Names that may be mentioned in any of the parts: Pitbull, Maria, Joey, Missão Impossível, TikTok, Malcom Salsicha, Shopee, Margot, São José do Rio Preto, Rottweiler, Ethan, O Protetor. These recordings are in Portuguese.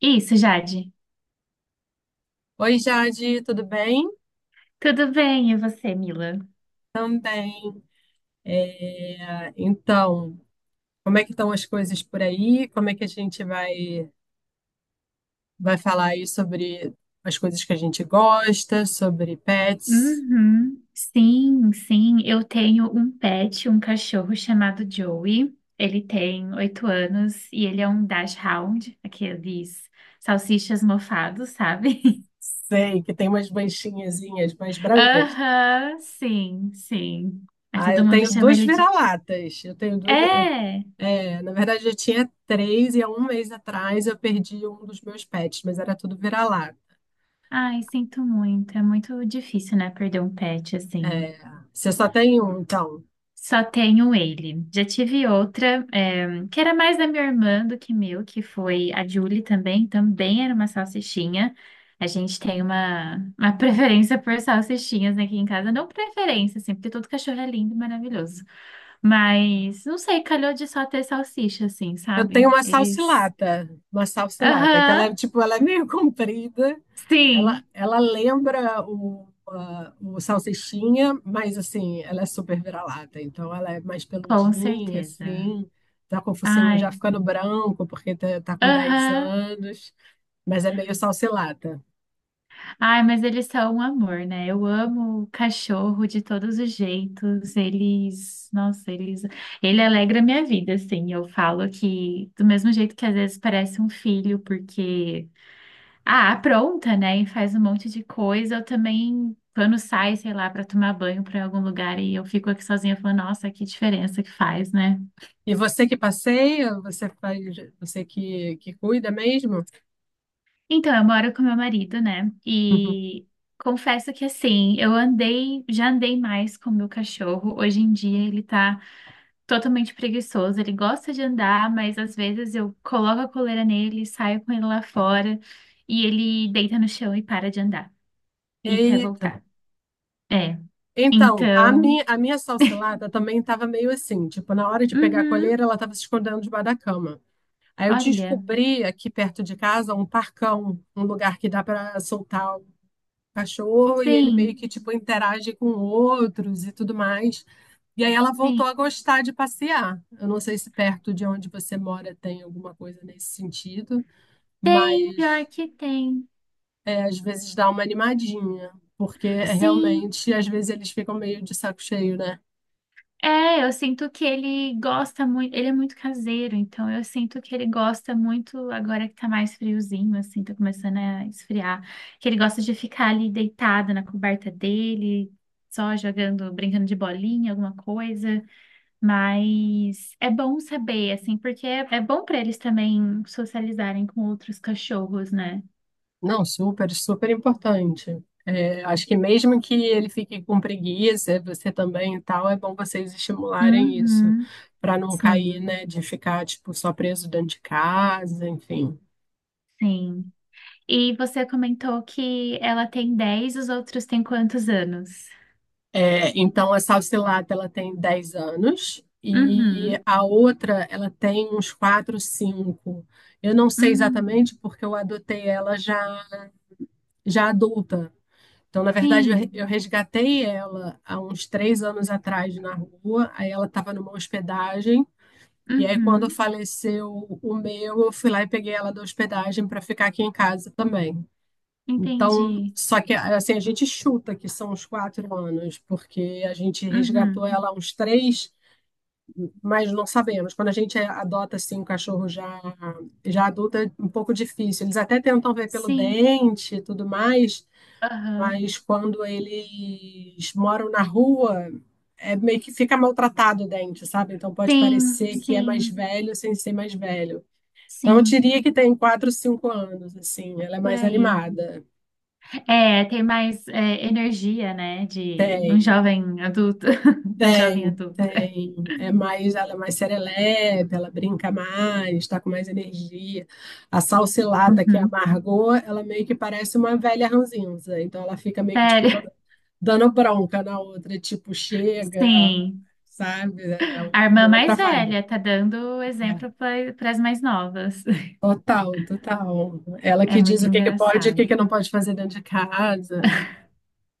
Isso, Jade. Oi, Jade, tudo bem? Tudo bem, e você, Mila? Também. É, então, como é que estão as coisas por aí? Como é que a gente vai falar aí sobre as coisas que a gente gosta, sobre pets? Uhum. Sim, sim. Eu tenho um pet, um cachorro chamado Joey. Ele tem 8 anos e ele é um dashhound, aqueles salsichas mofados, sabe? Sei que tem umas manchinhazinhas mais brancas. Aham, sim, sim. Aí Ah, todo eu mundo tenho chama duas ele de. vira-latas. Eu tenho duas. É! É, na verdade, eu tinha três e há um mês atrás eu perdi um dos meus pets, mas era tudo vira-lata. Ai, sinto muito. É muito difícil, né, perder um pet assim. É, você só tem um, então. Só tenho ele. Já tive outra, que era mais da minha irmã do que meu, que foi a Julie também. Também era uma salsichinha. A gente tem uma preferência por salsichinhas aqui em casa. Não preferência, assim, porque todo cachorro é lindo e maravilhoso. Mas, não sei, calhou de só ter salsicha, assim, Eu tenho sabe? Eles. Uma salsilata, que ela Aham, é tipo, ela é meio comprida, ela, sim, ela lembra o salsichinha, mas assim, ela é super vira-lata, então ela é mais com peludinha, certeza. assim, tá com o focinho já Ai, ficando branco, porque tá com 10 aham. anos, mas é meio salsilata. Ai, mas eles são um amor, né? Eu amo o cachorro de todos os jeitos. Eles, nossa, eles, ele alegra a minha vida, assim. Eu falo que do mesmo jeito que às vezes parece um filho, porque ah, apronta, né? E faz um monte de coisa. Eu também, quando sai, sei lá, para tomar banho para algum lugar e eu fico aqui sozinha, eu falo, nossa, que diferença que faz, né? E você que passeia, você que cuida mesmo? Então, eu moro com meu marido, né? Uhum. E confesso que assim, já andei mais com meu cachorro. Hoje em dia ele tá totalmente preguiçoso. Ele gosta de andar, mas às vezes eu coloco a coleira nele, saio com ele lá fora e ele deita no chão e para de andar e quer Eita. voltar. É. Então, a Então, minha, a minha salsilada também estava meio assim, tipo, na hora de pegar a uhum, coleira, ela estava se escondendo debaixo da cama. Aí eu olha, descobri aqui perto de casa um parcão, um lugar que dá para soltar o cachorro e ele meio sim, que tipo interage com outros e tudo mais. E aí ela sim. voltou a gostar de passear. Eu não sei se perto de onde você mora tem alguma coisa nesse sentido, Tem, pior mas que tem. Às vezes dá uma animadinha, porque Sim. realmente às vezes eles ficam meio de saco cheio, né? É, eu sinto que ele gosta muito, ele é muito caseiro, então eu sinto que ele gosta muito, agora que tá mais friozinho, assim, tá começando a esfriar, que ele gosta de ficar ali deitado na coberta dele, só jogando, brincando de bolinha, alguma coisa, mas é bom saber, assim, porque é, é bom pra eles também socializarem com outros cachorros, né? Não, super, super importante. É, acho que mesmo que ele fique com preguiça, você também e tal, é bom vocês estimularem isso, Uhum, para não cair, sim, né, de ficar, tipo, só preso dentro de casa, enfim. sim. E você comentou que ela tem 10. Os outros têm quantos anos? É, então, a Salsilata, ela tem 10 anos e Uhum. a outra, ela tem uns 4, 5. Eu não sei Hum. exatamente porque eu adotei ela já, já adulta. Então, na verdade, eu re- Sim. eu resgatei ela há uns 3 anos atrás na rua. Aí ela estava numa hospedagem. E aí, quando Uhum. faleceu o meu, eu fui lá e peguei ela da hospedagem para ficar aqui em casa também. Então, Entendi. só que assim, a gente chuta que são uns 4 anos, porque a gente resgatou Uhum. ela há uns três, mas não sabemos. Quando a gente adota assim, um cachorro já, já adulto, é um pouco difícil. Eles até tentam ver pelo Sim. dente e tudo mais, Aham. mas quando eles moram na rua, é meio que fica maltratado o dente, sabe? Então pode Sim, parecer que é mais sim, velho sem ser mais velho. Não sim. diria que tem 4, 5 anos, assim, ela é Por mais aí. animada. É, tem mais é, energia, né? De um Tem, jovem adulto. Uma jovem tem, adulta. tem. Ela é mais serelepe, ela brinca mais, tá com mais energia. A Salsilata, que é a Uhum. Margot, ela meio que parece uma velha ranzinza. Então ela fica meio que tipo Sério. dando bronca na outra, tipo, chega, Sim. sabe? É A irmã outra mais vibe. velha tá dando exemplo É. para as mais novas. Total, total. Ela É que diz muito o que que pode e o engraçado. que que não pode fazer dentro de casa.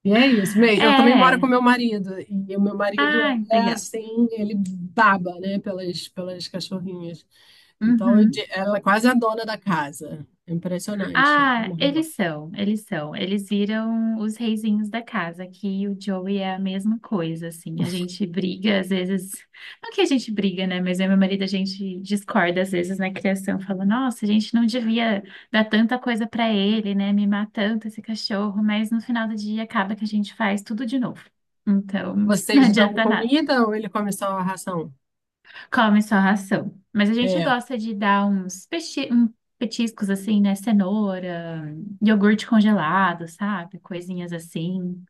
E é isso. Bem, eu também moro com É. meu marido, e o meu marido Ai, é legal. assim, ele baba, né, pelas cachorrinhas. Então, Uhum. ela é quase a dona da casa. É impressionante, a Ah, Margot. eles são. Eles viram os reizinhos da casa, que o Joey é a mesma coisa, assim. A gente briga, às vezes. Não que a gente briga, né? Mas eu e meu marido, a gente discorda, às vezes, na criação. Fala, nossa, a gente não devia dar tanta coisa pra ele, né? Mimar tanto esse cachorro. Mas no final do dia, acaba que a gente faz tudo de novo. Então, não Vocês dão adianta. comida ou ele come só a ração? Come só ração. Mas a gente É, gosta de dar uns petiscos assim, né? Cenoura, iogurte congelado, sabe? Coisinhas assim,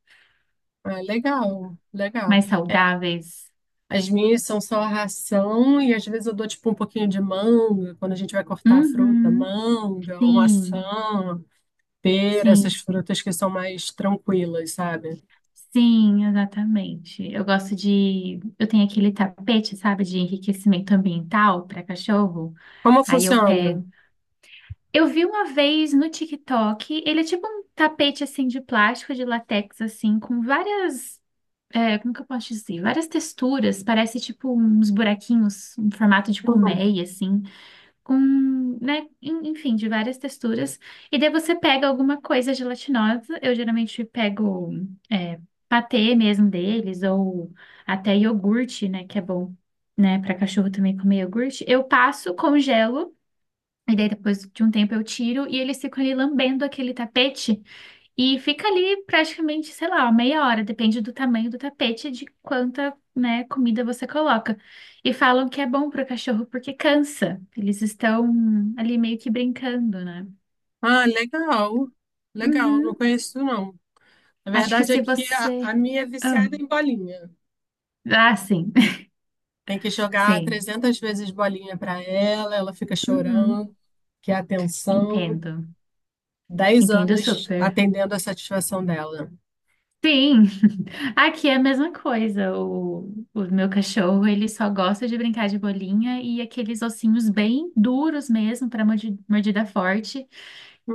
é legal, legal. mais saudáveis. As minhas são só ração e às vezes eu dou tipo um pouquinho de manga, quando a gente vai cortar a fruta, Uhum. manga, ou maçã, Sim, pera, essas sim, frutas que são mais tranquilas, sabe? sim, exatamente. Eu gosto de. Eu tenho aquele tapete, sabe, de enriquecimento ambiental para cachorro. Como Aí eu funciona? pego. Eu vi uma vez no TikTok, ele é tipo um tapete assim de plástico, de látex, assim, com várias como que eu posso dizer? Várias texturas, parece tipo uns buraquinhos em formato de Hum. colmeia, assim, com, né, enfim, de várias texturas. E daí você pega alguma coisa gelatinosa, eu geralmente pego é, patê mesmo deles, ou até iogurte, né, que é bom, né, para cachorro também comer iogurte. Eu passo, congelo, e daí depois de um tempo eu tiro, e eles ficam ali lambendo aquele tapete. E fica ali praticamente, sei lá, uma meia hora, depende do tamanho do tapete, e de quanta, né, comida você coloca. E falam que é bom para o cachorro porque cansa. Eles estão ali meio que brincando, né? Ah, legal. Legal, não Uhum. conheço não. A Acho que verdade é se que a você. minha é Ah, viciada em bolinha. ah, sim, Tem que jogar sim. 300 vezes bolinha para ela, ela fica Uhum. chorando, quer atenção. Entendo. dez Entendo anos super. atendendo a satisfação dela. Sim, aqui é a mesma coisa. O meu cachorro, ele só gosta de brincar de bolinha e aqueles ossinhos bem duros mesmo para mordida forte.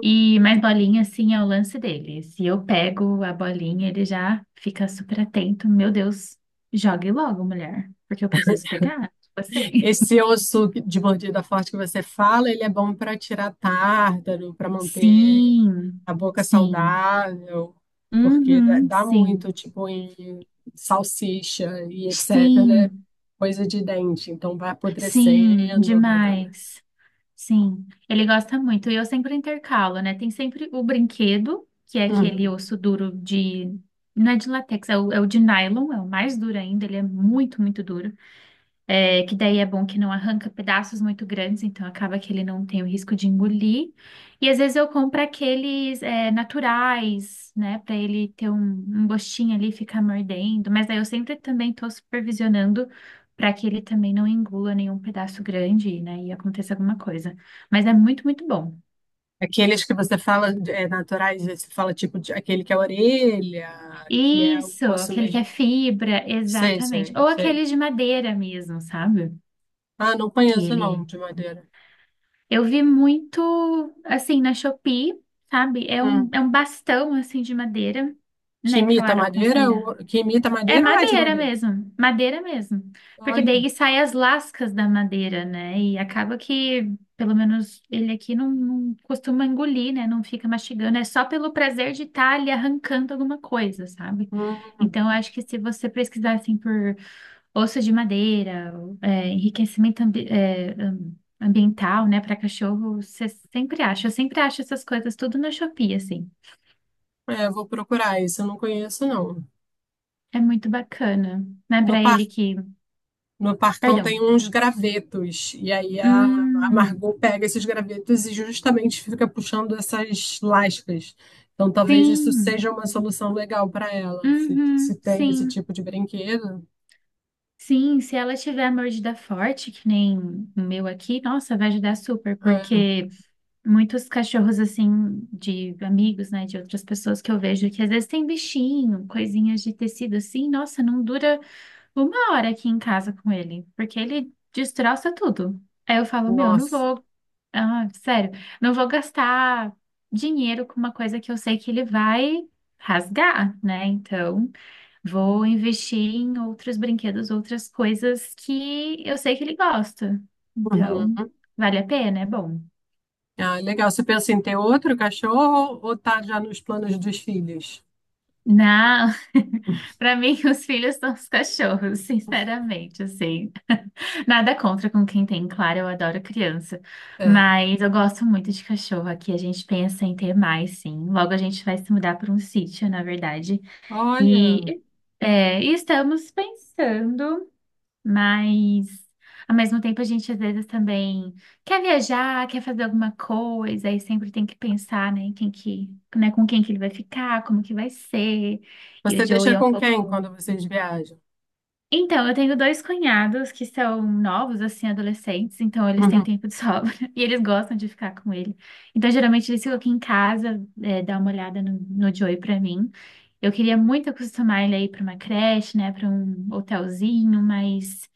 E mais bolinha, assim, é o lance dele. Se eu pego a bolinha, ele já fica super atento. Meu Deus, jogue logo, mulher, porque eu preciso pegar. Tipo assim. Esse osso de mordida forte que você fala, ele é bom para tirar tártaro, para manter Sim, a boca sim. saudável, porque dá Uhum, dá sim. muito, tipo, em salsicha e etc. Sim, Coisa de dente. Então vai sim, apodrecendo, vai dando. demais. Sim, ele gosta muito. E eu sempre intercalo, né? Tem sempre o brinquedo, que é aquele Uhum. osso duro de. Não é de látex, é o de nylon, é o mais duro ainda, ele é muito, muito duro. É, que daí é bom que não arranca pedaços muito grandes, então acaba que ele não tem o risco de engolir. E às vezes eu compro aqueles naturais, né, para ele ter um gostinho ali, ficar mordendo. Mas daí eu sempre também estou supervisionando para que ele também não engula nenhum pedaço grande, né, e aconteça alguma coisa. Mas é muito, muito bom. Aqueles que você fala naturais, você fala tipo de, aquele que é a orelha, que é o Isso, osso aquele que é mesmo. fibra, Sei, exatamente. sei, Ou sei. aquele de madeira mesmo, sabe? Ah, não Que conheço não, ele de madeira. Eu vi muito, assim, na Shopee, sabe? É um bastão, assim, de madeira, Que né, imita Clara, madeira? aconselhar. Que imita É madeira ou é de madeira madeira? mesmo, madeira mesmo. Porque Olha, daí saem as lascas da madeira, né? E acaba que, pelo menos ele aqui não costuma engolir, né? Não fica mastigando. É só pelo prazer de estar ali arrancando alguma coisa, sabe? hum, Então, eu acho que se você pesquisar, assim, por osso de madeira, é, enriquecimento ambiental, né, para cachorro, você sempre acha. Eu sempre acho essas coisas tudo na Shopee, assim. Vou procurar isso, eu não conheço não. É muito bacana, né, No para par, ele que. no Parcão Perdão. tem uns gravetos, e aí a Hum, Margot pega esses gravetos e justamente fica puxando essas lascas. Então talvez isso seja sim. uma solução legal para ela, se, Uhum, se tem esse sim. tipo de brinquedo. Sim, se ela tiver mordida forte, que nem o meu aqui, nossa, vai ajudar super, É, porque muitos cachorros, assim, de amigos, né, de outras pessoas que eu vejo, que às vezes tem bichinho, coisinhas de tecido assim, nossa, não dura uma hora aqui em casa com ele, porque ele destroça tudo. Aí eu falo, meu, não nossa. vou, ah, sério, não vou gastar dinheiro com uma coisa que eu sei que ele vai rasgar, né? Então, vou investir em outros brinquedos, outras coisas que eu sei que ele gosta. Então, Uhum. vale a pena, é bom. Ah, legal. Você pensa em ter outro cachorro ou tá já nos planos dos filhos? Não, para mim os filhos são os cachorros, sinceramente, assim. Nada contra com quem tem, claro, eu adoro criança, É. mas eu gosto muito de cachorro aqui, a gente pensa em ter mais, sim. Logo a gente vai se mudar para um sítio, na verdade, Olha. e, e estamos pensando. Mas, ao mesmo tempo, a gente às vezes também quer viajar, quer fazer alguma coisa, e sempre tem que pensar, né, em quem que, né, com quem que ele vai ficar, como que vai ser. E o Você Joey deixa é um com quem pouco. quando vocês viajam? Então, eu tenho dois cunhados que são novos, assim, adolescentes, então eles têm Uhum. tempo de sobra e eles gostam de ficar com ele. Então, geralmente, eles ficam aqui em casa, dar uma olhada no Joey pra mim. Eu queria muito acostumar ele aí pra uma creche, né, pra um hotelzinho, mas.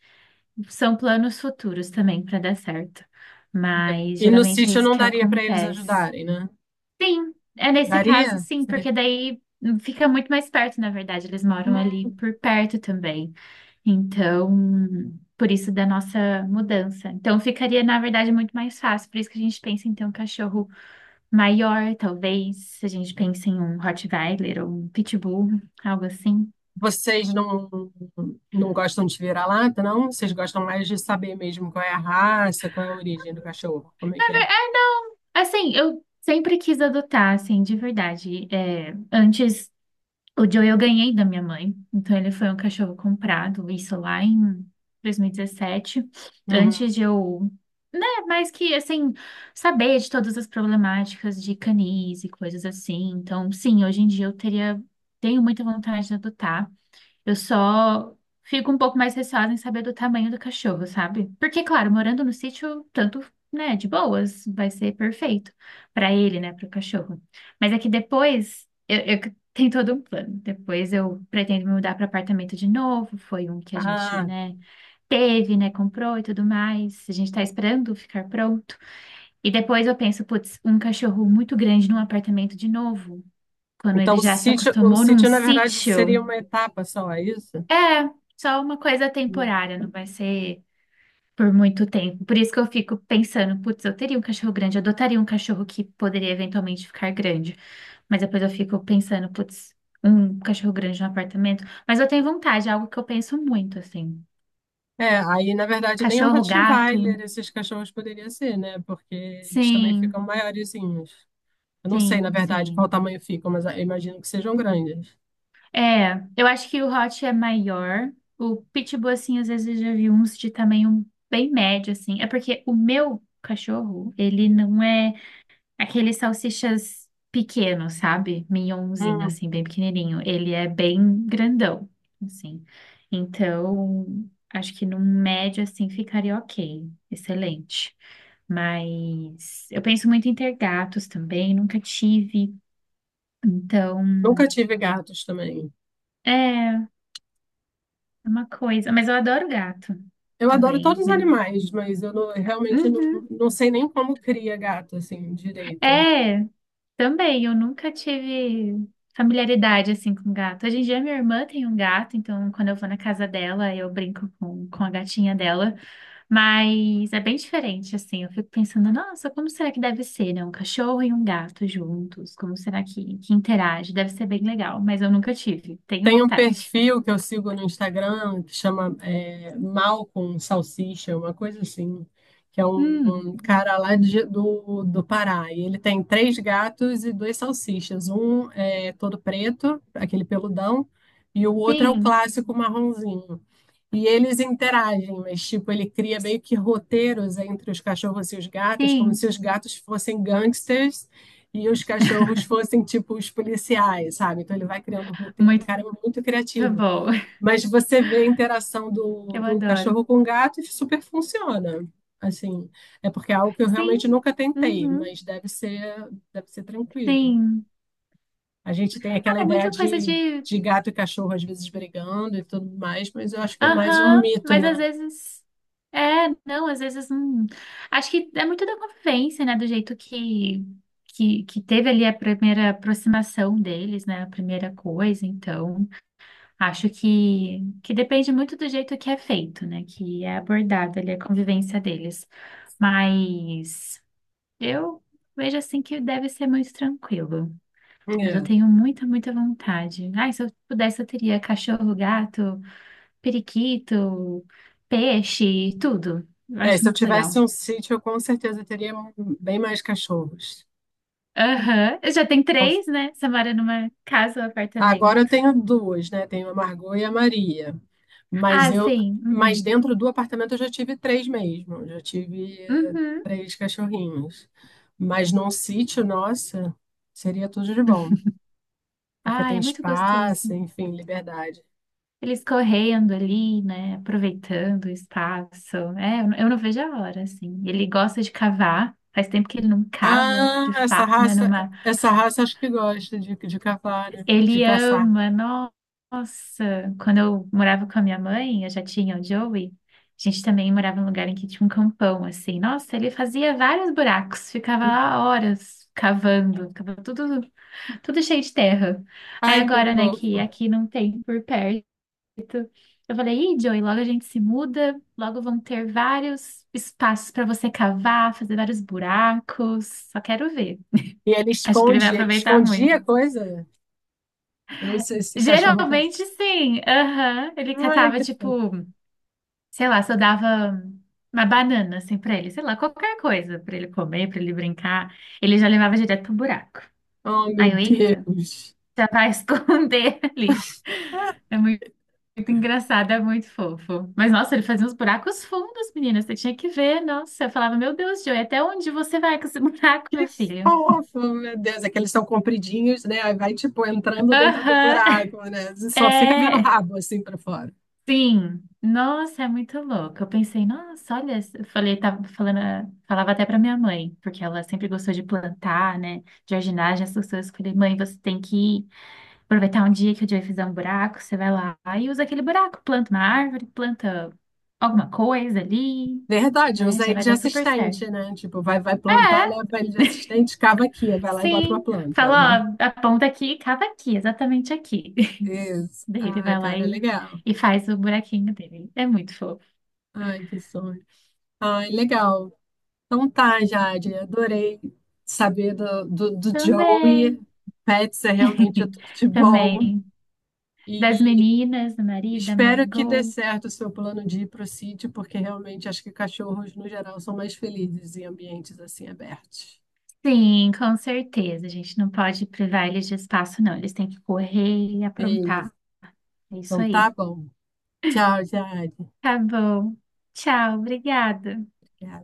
São planos futuros também para dar certo, mas E no geralmente é sítio isso não que daria para eles acontece. ajudarem, né? Sim, é nesse caso Daria? sim, Seria. porque daí fica muito mais perto, na verdade, eles moram Hum. ali por perto também. Então, por isso da nossa mudança. Então, ficaria, na verdade, muito mais fácil. Por isso que a gente pensa em ter um cachorro maior, talvez. A gente pensa em um Rottweiler ou um Pitbull, algo assim. Vocês não gostam de vira-lata, não? Vocês gostam mais de saber mesmo qual é a raça, qual é a origem do cachorro, como é que é? Assim, eu sempre quis adotar, assim, de verdade. É, antes O Joe eu ganhei da minha mãe, então ele foi um cachorro comprado, isso lá em 2017, Uhum. antes de eu, né, mais que assim, saber de todas as problemáticas de canis e coisas assim. Então, sim, hoje em dia tenho muita vontade de adotar. Eu só fico um pouco mais receosa em saber do tamanho do cachorro, sabe? Porque, claro, morando no sítio, tanto, né, de boas, vai ser perfeito para ele, né, para o cachorro. Mas é que depois, eu tenho todo um plano. Depois eu pretendo me mudar para apartamento de novo. Foi um que a gente, Ah, né, teve, né, comprou e tudo mais. A gente tá esperando ficar pronto. E depois eu penso, putz, um cachorro muito grande num apartamento de novo. Quando então ele já se o acostumou num sítio, na verdade, seria sítio. uma etapa só, é isso? É, só uma coisa Hum. temporária, não vai ser por muito tempo. Por isso que eu fico pensando, putz, eu teria um cachorro grande, eu adotaria um cachorro que poderia eventualmente ficar grande. Mas depois eu fico pensando, putz, um cachorro grande no apartamento. Mas eu tenho vontade, é algo que eu penso muito, assim. É, aí, na verdade, nem um Cachorro, gato. Rottweiler esses cachorros poderia ser, né? Porque eles também Sim, ficam maiorzinhos. Eu não sei, na sim, verdade, qual sim. tamanho ficam, mas eu imagino que sejam grandes. É, eu acho que o Hot é maior. O Pitbull, assim, às vezes eu já vi uns de tamanho bem médio, assim. É porque o meu cachorro, ele não é. Aqueles salsichas pequenos, sabe? Mignonzinho, Hum, assim, bem pequenininho. Ele é bem grandão, assim. Então, acho que no médio, assim, ficaria ok. Excelente. Mas eu penso muito em ter gatos também, nunca tive. Então, nunca tive gatos também. é é uma coisa. Mas eu adoro gato Eu adoro também, todos os né? animais, mas eu não- realmente não, Uhum. não sei nem como cria gato, assim, direito. É. Também, eu nunca tive familiaridade assim com gato. Hoje em dia minha irmã tem um gato, então quando eu vou na casa dela, eu brinco com a gatinha dela, mas é bem diferente assim. Eu fico pensando, nossa, como será que deve ser, né? Um cachorro e um gato juntos, como será que interage? Deve ser bem legal, mas eu nunca tive. Tenho Tem um vontade. perfil que eu sigo no Instagram que chama Malcom Salsicha, uma coisa assim, que é Hum, um cara lá do Pará. E ele tem três gatos e dois salsichas. Um é todo preto, aquele peludão, e o outro é o sim, clássico marronzinho. E eles interagem, mas tipo, ele cria meio que roteiros entre os cachorros e os gatos, como sim, se os gatos fossem gangsters e os cachorros fossem tipo os policiais, sabe? Então ele vai criando roteiro, o muito cara é muito criativo. bom. Mas você vê a interação do, Eu do adoro. cachorro com o gato e super funciona. Assim, é porque é algo que eu Sim, realmente nunca tentei, uhum, mas deve ser tranquilo. sim. A gente tem aquela Ah, é ideia muita coisa de, de. de gato e cachorro às vezes brigando e tudo mais, mas eu acho que é mais um Aham, mito, mas às né? vezes. É, não, às vezes. Acho que é muito da convivência, né? Do jeito que teve ali a primeira aproximação deles, né? A primeira coisa. Então, acho que depende muito do jeito que é feito, né? Que é abordado ali a convivência deles. Mas eu vejo assim que deve ser muito tranquilo. Mas eu É. tenho muita, muita vontade. Ai, se eu pudesse, eu teria cachorro, gato, periquito, peixe, tudo. Eu É, acho se eu muito tivesse legal. um sítio, eu com certeza teria bem mais cachorros. Aham, eu já tem Com- três, né? Você mora numa casa ou apartamento. Agora eu tenho duas, né? Tenho a Margot e a Maria. Mas Ah, eu, sim. mas Uhum. dentro do apartamento eu já tive três mesmo. Já tive Uhum. três cachorrinhos. Mas num sítio, nossa, seria tudo de bom, porque Ah, tem é muito espaço, gostoso. enfim, liberdade. Eles correndo ali, né? Aproveitando o espaço. É, eu não vejo a hora, assim. Ele gosta de cavar. Faz tempo que ele não cava, Ah, de fato, né? Essa raça acho que gosta de cavar, né? De Ele caçar. ama, nossa. Quando eu morava com a minha mãe, eu já tinha o Joey. A gente também morava num lugar em que tinha um campão, assim. Nossa, ele fazia vários buracos, ficava lá horas cavando, ficava tudo cheio de terra. Aí Ai, que agora, né, que fofo. aqui não tem por perto, eu falei, ih, Joey, logo a gente se muda, logo vão ter vários espaços para você cavar, fazer vários buracos. Só quero ver. E ele Acho que ele vai esconde, ele aproveitar escondia muito. a coisa. Eu não sei se cachorro faz. Geralmente sim, aham. Ele Ai, catava, que tipo, fofo. sei lá, só dava uma banana, assim, pra ele, sei lá, qualquer coisa pra ele comer, pra ele brincar. Ele já levava direto pro buraco. Oh, meu Aí eu, eita, Deus. já vai esconder ali. Ah, É muito engraçado, é muito fofo. Mas, nossa, ele fazia uns buracos fundos, menina, você tinha que ver, nossa. Eu falava, meu Deus, Joey, até onde você vai com esse buraco, que meu filho? fofo, meu Deus. É que eles são compridinhos, né? Aí vai, tipo, entrando dentro do Aham, buraco, né? Você só fica vendo o é. rabo, assim, pra fora. Sim, nossa, é muito louco. Eu pensei, nossa, olha, eu falei, tava falando, falava até para minha mãe, porque ela sempre gostou de plantar, né, de jardinagem, essas coisas. Eu falei, mãe, você tem que aproveitar um dia que o Joey fizer um buraco, você vai lá e usa aquele buraco, planta uma árvore, planta alguma coisa ali, Verdade, né, usa já ele vai de dar super certo. assistente, né? Tipo, vai plantar, É, leva ele de assistente, cava aqui, aí vai lá e bota uma sim, planta, vai. fala, ó, aponta aqui, cava aqui, exatamente aqui. Isso. Daí ele Ai, vai lá cara, e, legal. e faz o buraquinho dele. É muito fofo. Ai, que sonho. Ai, legal. Então tá, Jade, adorei saber do Joey. Também. Pets é realmente é tudo de bom. Também. Das E meninas, do marido, da espero que dê Margot. certo o seu plano de ir para o sítio, porque realmente acho que cachorros, no geral, são mais felizes em ambientes assim abertos. Sim, com certeza. A gente não pode privar eles de espaço, não. Eles têm que correr e É aprontar. isso. É isso Então tá aí. bom. Tchau, Jade. Tá bom. Tchau, obrigada. Obrigada.